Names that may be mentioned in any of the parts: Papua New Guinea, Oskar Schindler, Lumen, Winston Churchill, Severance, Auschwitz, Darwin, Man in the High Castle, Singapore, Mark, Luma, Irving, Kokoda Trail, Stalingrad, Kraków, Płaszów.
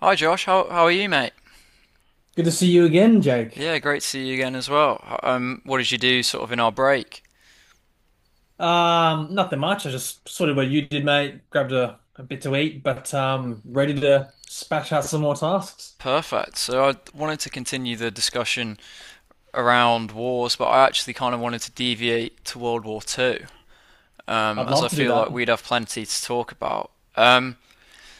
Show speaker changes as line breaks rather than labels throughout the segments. Hi Josh, how are you, mate?
Good to see you again, Jake.
Yeah, great to see you again as well. What did you do sort of in our break?
Nothing much. I just sort of what you did, mate. Grabbed a bit to eat, but ready to spash out some more tasks.
Perfect. So I wanted to continue the discussion around wars, but I actually kind of wanted to deviate to World War Two,
I'd
as
love
I
to do
feel
that,
like we'd have plenty to talk about.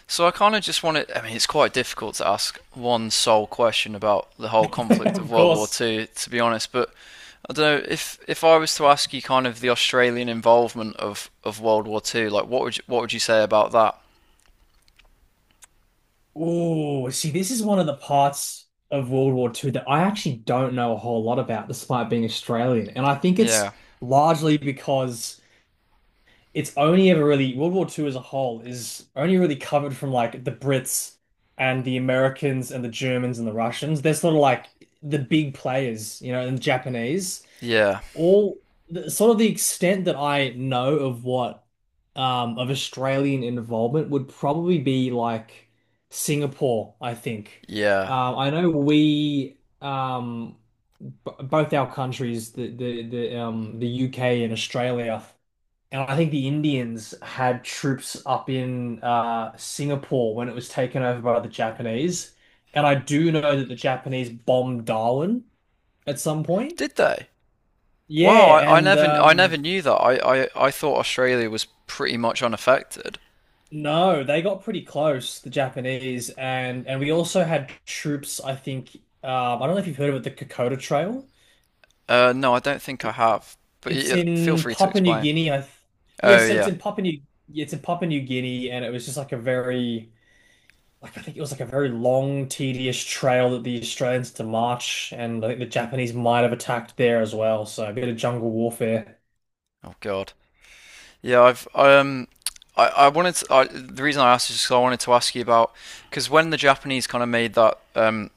So I kind of just wanted. I mean, it's quite difficult to ask one sole question about the whole conflict of
of
World War
course.
Two, to be honest. But I don't know if I was to ask you kind of the Australian involvement of World War Two, like what would you say about that?
Oh, see, this is one of the parts of World War Two that I actually don't know a whole lot about, despite being Australian. And I think
Yeah,
it's largely because it's only ever really World War Two as a whole is only really covered from like the Brits and the Americans and the Germans and the Russians. They're sort of like the big players, you know, and the Japanese.
yeah,
All the, sort of the extent that I know of what of Australian involvement would probably be like Singapore, I think.
yeah.
I know we b both our countries, the UK and Australia, and I think the Indians had troops up in Singapore when it was taken over by the Japanese. And I do know that the Japanese bombed Darwin at some point.
Did they? Wow,
Yeah,
I, I
and
never knew that. I thought Australia was pretty much unaffected.
no, they got pretty close, the Japanese, and we also had troops. I think I don't know if you've heard of it, the Kokoda Trail.
No, I don't think I
It-
have. But
It's
yeah, feel
in
free to
Papua New
explain.
Guinea. I th Yeah,
Oh
so
yeah.
it's in Papua New Guinea, and it was just like a very I think it was like a very long, tedious trail that the Australians had to march, and I think the Japanese might have attacked there as well. So a bit of jungle warfare.
Oh God. Yeah, I wanted the reason I asked is because I wanted to ask you about because when the Japanese kind of made that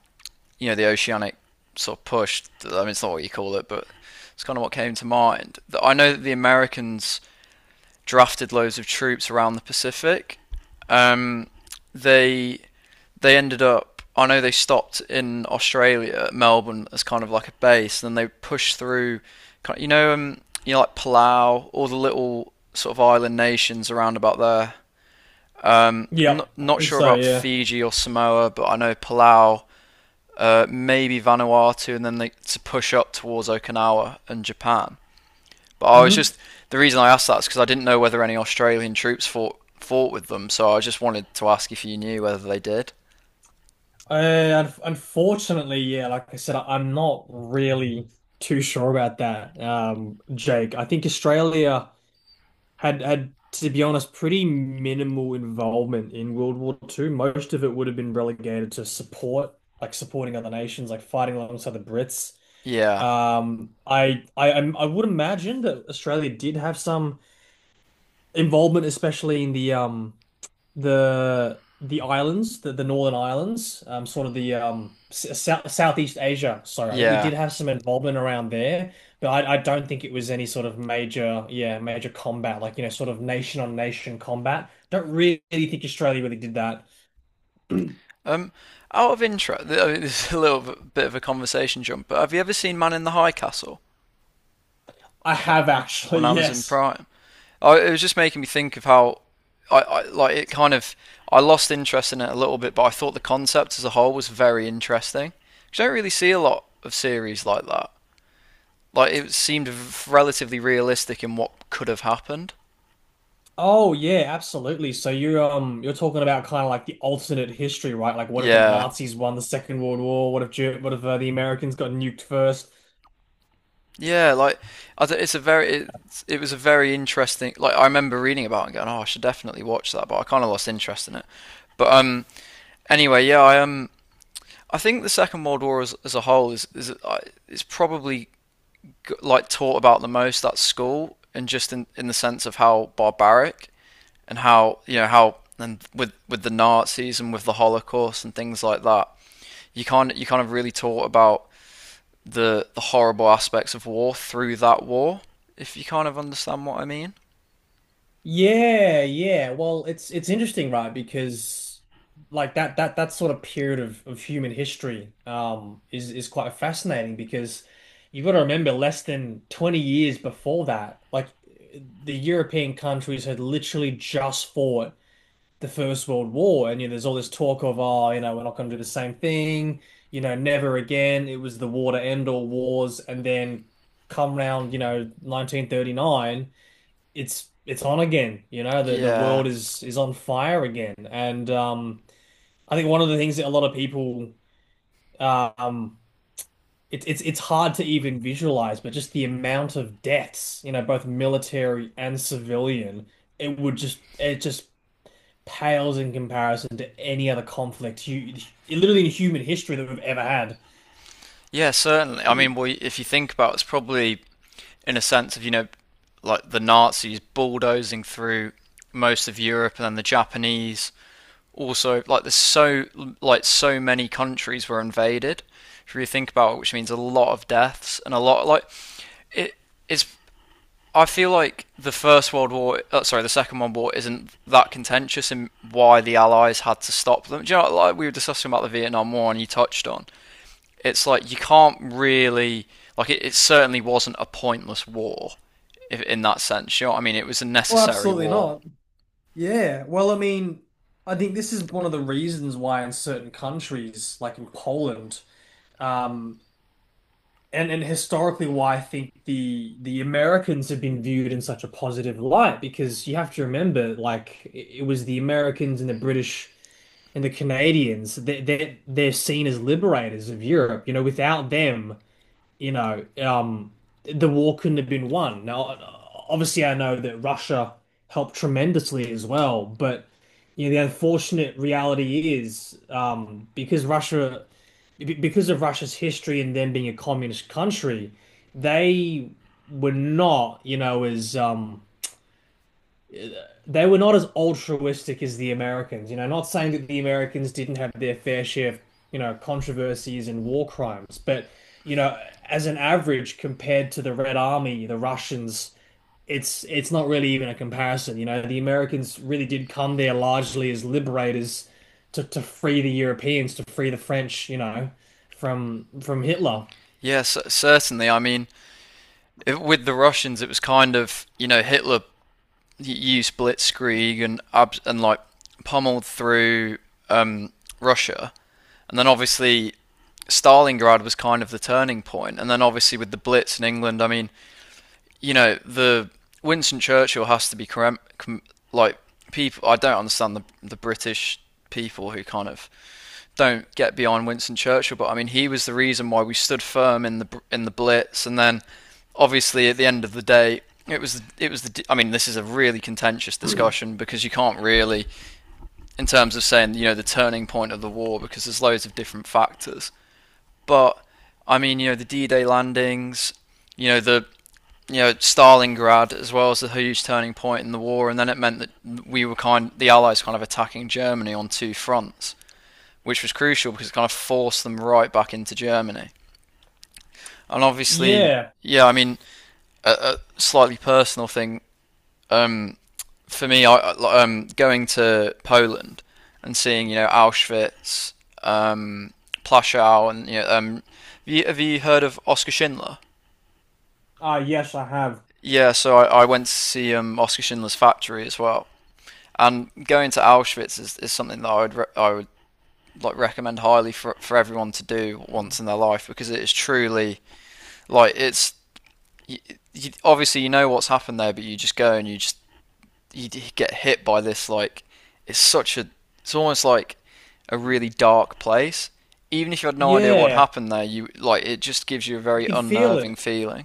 you know, the oceanic sort of push. I mean, it's not what you call it, but it's kind of what came to mind. I know that the Americans drafted loads of troops around the Pacific. Um, they they ended up. I know they stopped in Australia, Melbourne, as kind of like a base. Then they pushed through, you know, like Palau, all the little sort of island nations around about there.
Yep, I
Not
think
sure
so.
about
Yeah.
Fiji or Samoa, but I know Palau, maybe Vanuatu, and then to push up towards Okinawa and Japan. But I was
Mm-hmm.
just the reason I asked that is because I didn't know whether any Australian troops fought with them, so I just wanted to ask if you knew whether they did.
Unfortunately, yeah, like I said, I'm not really too sure about that, Jake. I think Australia had, to be honest, pretty minimal involvement in World War Two. Most of it would have been relegated to support, like supporting other nations, like fighting alongside the Brits.
Yeah,
I would imagine that Australia did have some involvement, especially in the the islands, the Northern Islands, sort of the South, Southeast Asia. Sorry, I think we
yeah.
did have some involvement around there, but I don't think it was any sort of major, yeah, major combat, like you know, sort of nation on nation combat. Don't really think Australia really did that.
Um, Out of interest, I mean, this is a little bit of a conversation jump, but have you ever seen Man in the High Castle
I have actually,
on Amazon
yes.
Prime? It was just making me think of how I like it. Kind of, I lost interest in it a little bit, but I thought the concept as a whole was very interesting. 'Cause you don't really see a lot of series like that. Like it seemed relatively realistic in what could have happened.
Oh yeah, absolutely. So you're you're talking about kind of like the alternate history, right? Like what if the
Yeah,
Nazis won the Second World War? What if the Americans got nuked first?
yeah. Like I do it's a very it. It was a very interesting. Like I remember reading about it and going, oh, I should definitely watch that, but I kind of lost interest in it. But anyway, yeah, I think the Second World War as a whole is probably like taught about the most at school, and just in the sense of how barbaric and how you know how and with the Nazis and with the Holocaust and things like that, you kind of really taught about the horrible aspects of war through that war. If you kind of understand what I mean.
Yeah, yeah. Well, it's interesting, right? Because like that sort of period of human history is quite fascinating because you've got to remember less than 20 years before that, like the European countries had literally just fought the First World War, and you know, there's all this talk of, oh, you know, we're not going to do the same thing, you know, never again. It was the war to end all wars, and then come round, you know, 1939, it's on again. You know, the
Yeah.
world is on fire again, and I think one of the things that a lot of people, um, it's hard to even visualize, but just the amount of deaths, you know, both military and civilian, it would just pales in comparison to any other conflict, hu literally in human history that we've ever had.
Yeah, certainly. I mean, well, if you think about it, it's probably in a sense of, you know, like the Nazis bulldozing through most of Europe and then the Japanese also, like so many countries were invaded if you really think about it, which means a lot of deaths and a lot like it it's I feel like the First World War, sorry, the Second World War isn't that contentious in why the Allies had to stop them. Do you know, like we were discussing about the Vietnam War and you touched on, it's like you can't really, it certainly wasn't a pointless war if, in that sense. You know what I mean? It was a
Oh,
necessary
absolutely
war.
not. Yeah. Well, I mean, I think this is one of the reasons why in certain countries, like in Poland, um, and historically why I think the Americans have been viewed in such a positive light, because you have to remember, like, it was the Americans and the British and the Canadians, they they're seen as liberators of Europe. You know, without them you know, the war couldn't have been won. Now, obviously, I know that Russia helped tremendously as well, but you know, the unfortunate reality is because Russia, because of Russia's history and them being a communist country, they were not, you know, as they were not as altruistic as the Americans. You know, not saying that the Americans didn't have their fair share of, you know, controversies and war crimes, but, you know, as an average compared to the Red Army, the Russians, it's not really even a comparison. You know, the Americans really did come there largely as liberators to free the Europeans, to free the French, you know, from Hitler.
Yes, certainly. I mean, if, with the Russians, it was kind of, you know, you split Skrig and and like pummeled through um, Russia, and then obviously Stalingrad was kind of the turning point, and then obviously with the Blitz in England, I mean, you know, the Winston Churchill has to be cram- com- like people. I don't understand the British people who kind of don't get behind Winston Churchill, but I mean, he was the reason why we stood firm in the Blitz, and then obviously at the end of the day, it was the. I mean, this is a really contentious discussion because you can't really, in terms of saying, you know, the turning point of the war, because there's loads of different factors. But I mean, you know, the D-Day landings, you know the you know, Stalingrad as well as a huge turning point in the war, and then it meant that the Allies kind of attacking Germany on two fronts, which was crucial because it kind of forced them right back into Germany. And obviously,
Yeah.
yeah, I mean, a slightly personal thing um, for me, going to Poland and seeing, you know, Auschwitz, um, Plaszow, and you know, have you heard of Oskar Schindler?
Ah, yes, I have.
Yeah, so I went to see Oskar Schindler's factory as well. And going to Auschwitz is something that I would I would like recommend highly for everyone to do once in their life because it is truly like it's you, you, obviously you know what's happened there, but you just go and you just you get hit by this it's such a it's almost like a really dark place. Even if you had no idea what
Yeah.
happened there, you like it just gives you a
You
very
can feel
unnerving
it.
feeling.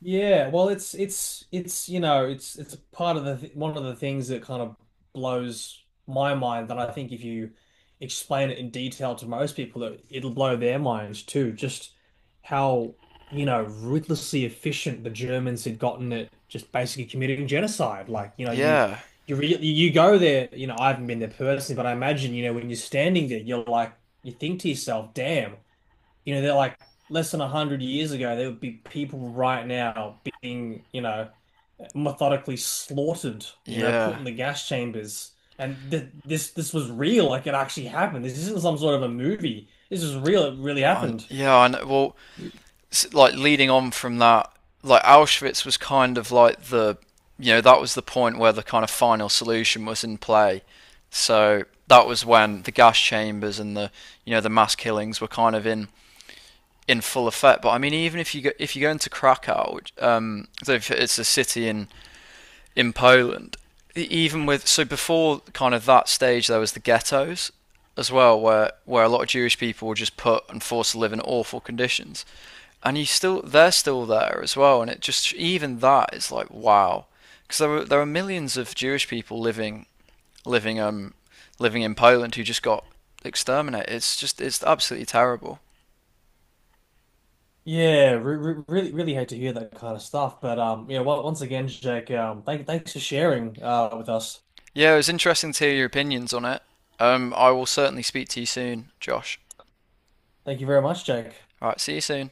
Yeah, well, it's you know it's a part of the th one of the things that kind of blows my mind that I think if you explain it in detail to most people that it'll blow their minds too. Just how you know ruthlessly efficient the Germans had gotten at just basically committing genocide. Like you know
Yeah,
you go there. You know I haven't been there personally, but I imagine you know when you're standing there, you're like you think to yourself, damn, you know, they're like less than a hundred years ago, there would be people right now being, you know, methodically slaughtered, you know, put
yeah,
in the gas chambers. And th this was real, like it actually happened. This isn't some sort of a movie. This is real. It really
and
happened.
yeah. and Well, like leading on from that, like Auschwitz was kind of you know, that was the point where the kind of final solution was in play. So that was when the gas chambers and the, you know, the mass killings were kind of in full effect. But I mean, even if you go into Krakow, so it's a city in Poland, even with, so before kind of that stage, there was the ghettos as well, where a lot of Jewish people were just put and forced to live in awful conditions, and you still they're still there as well, and it just, even that is like wow, because there are millions of Jewish people living living in Poland who just got exterminated. It's just, it's absolutely terrible.
Yeah, re re really, really hate to hear that kind of stuff. But yeah, well, once again, Jake, thanks for sharing with us.
Yeah, it was interesting to hear your opinions on it. I will certainly speak to you soon, Josh.
Thank you very much, Jake.
All right, see you soon.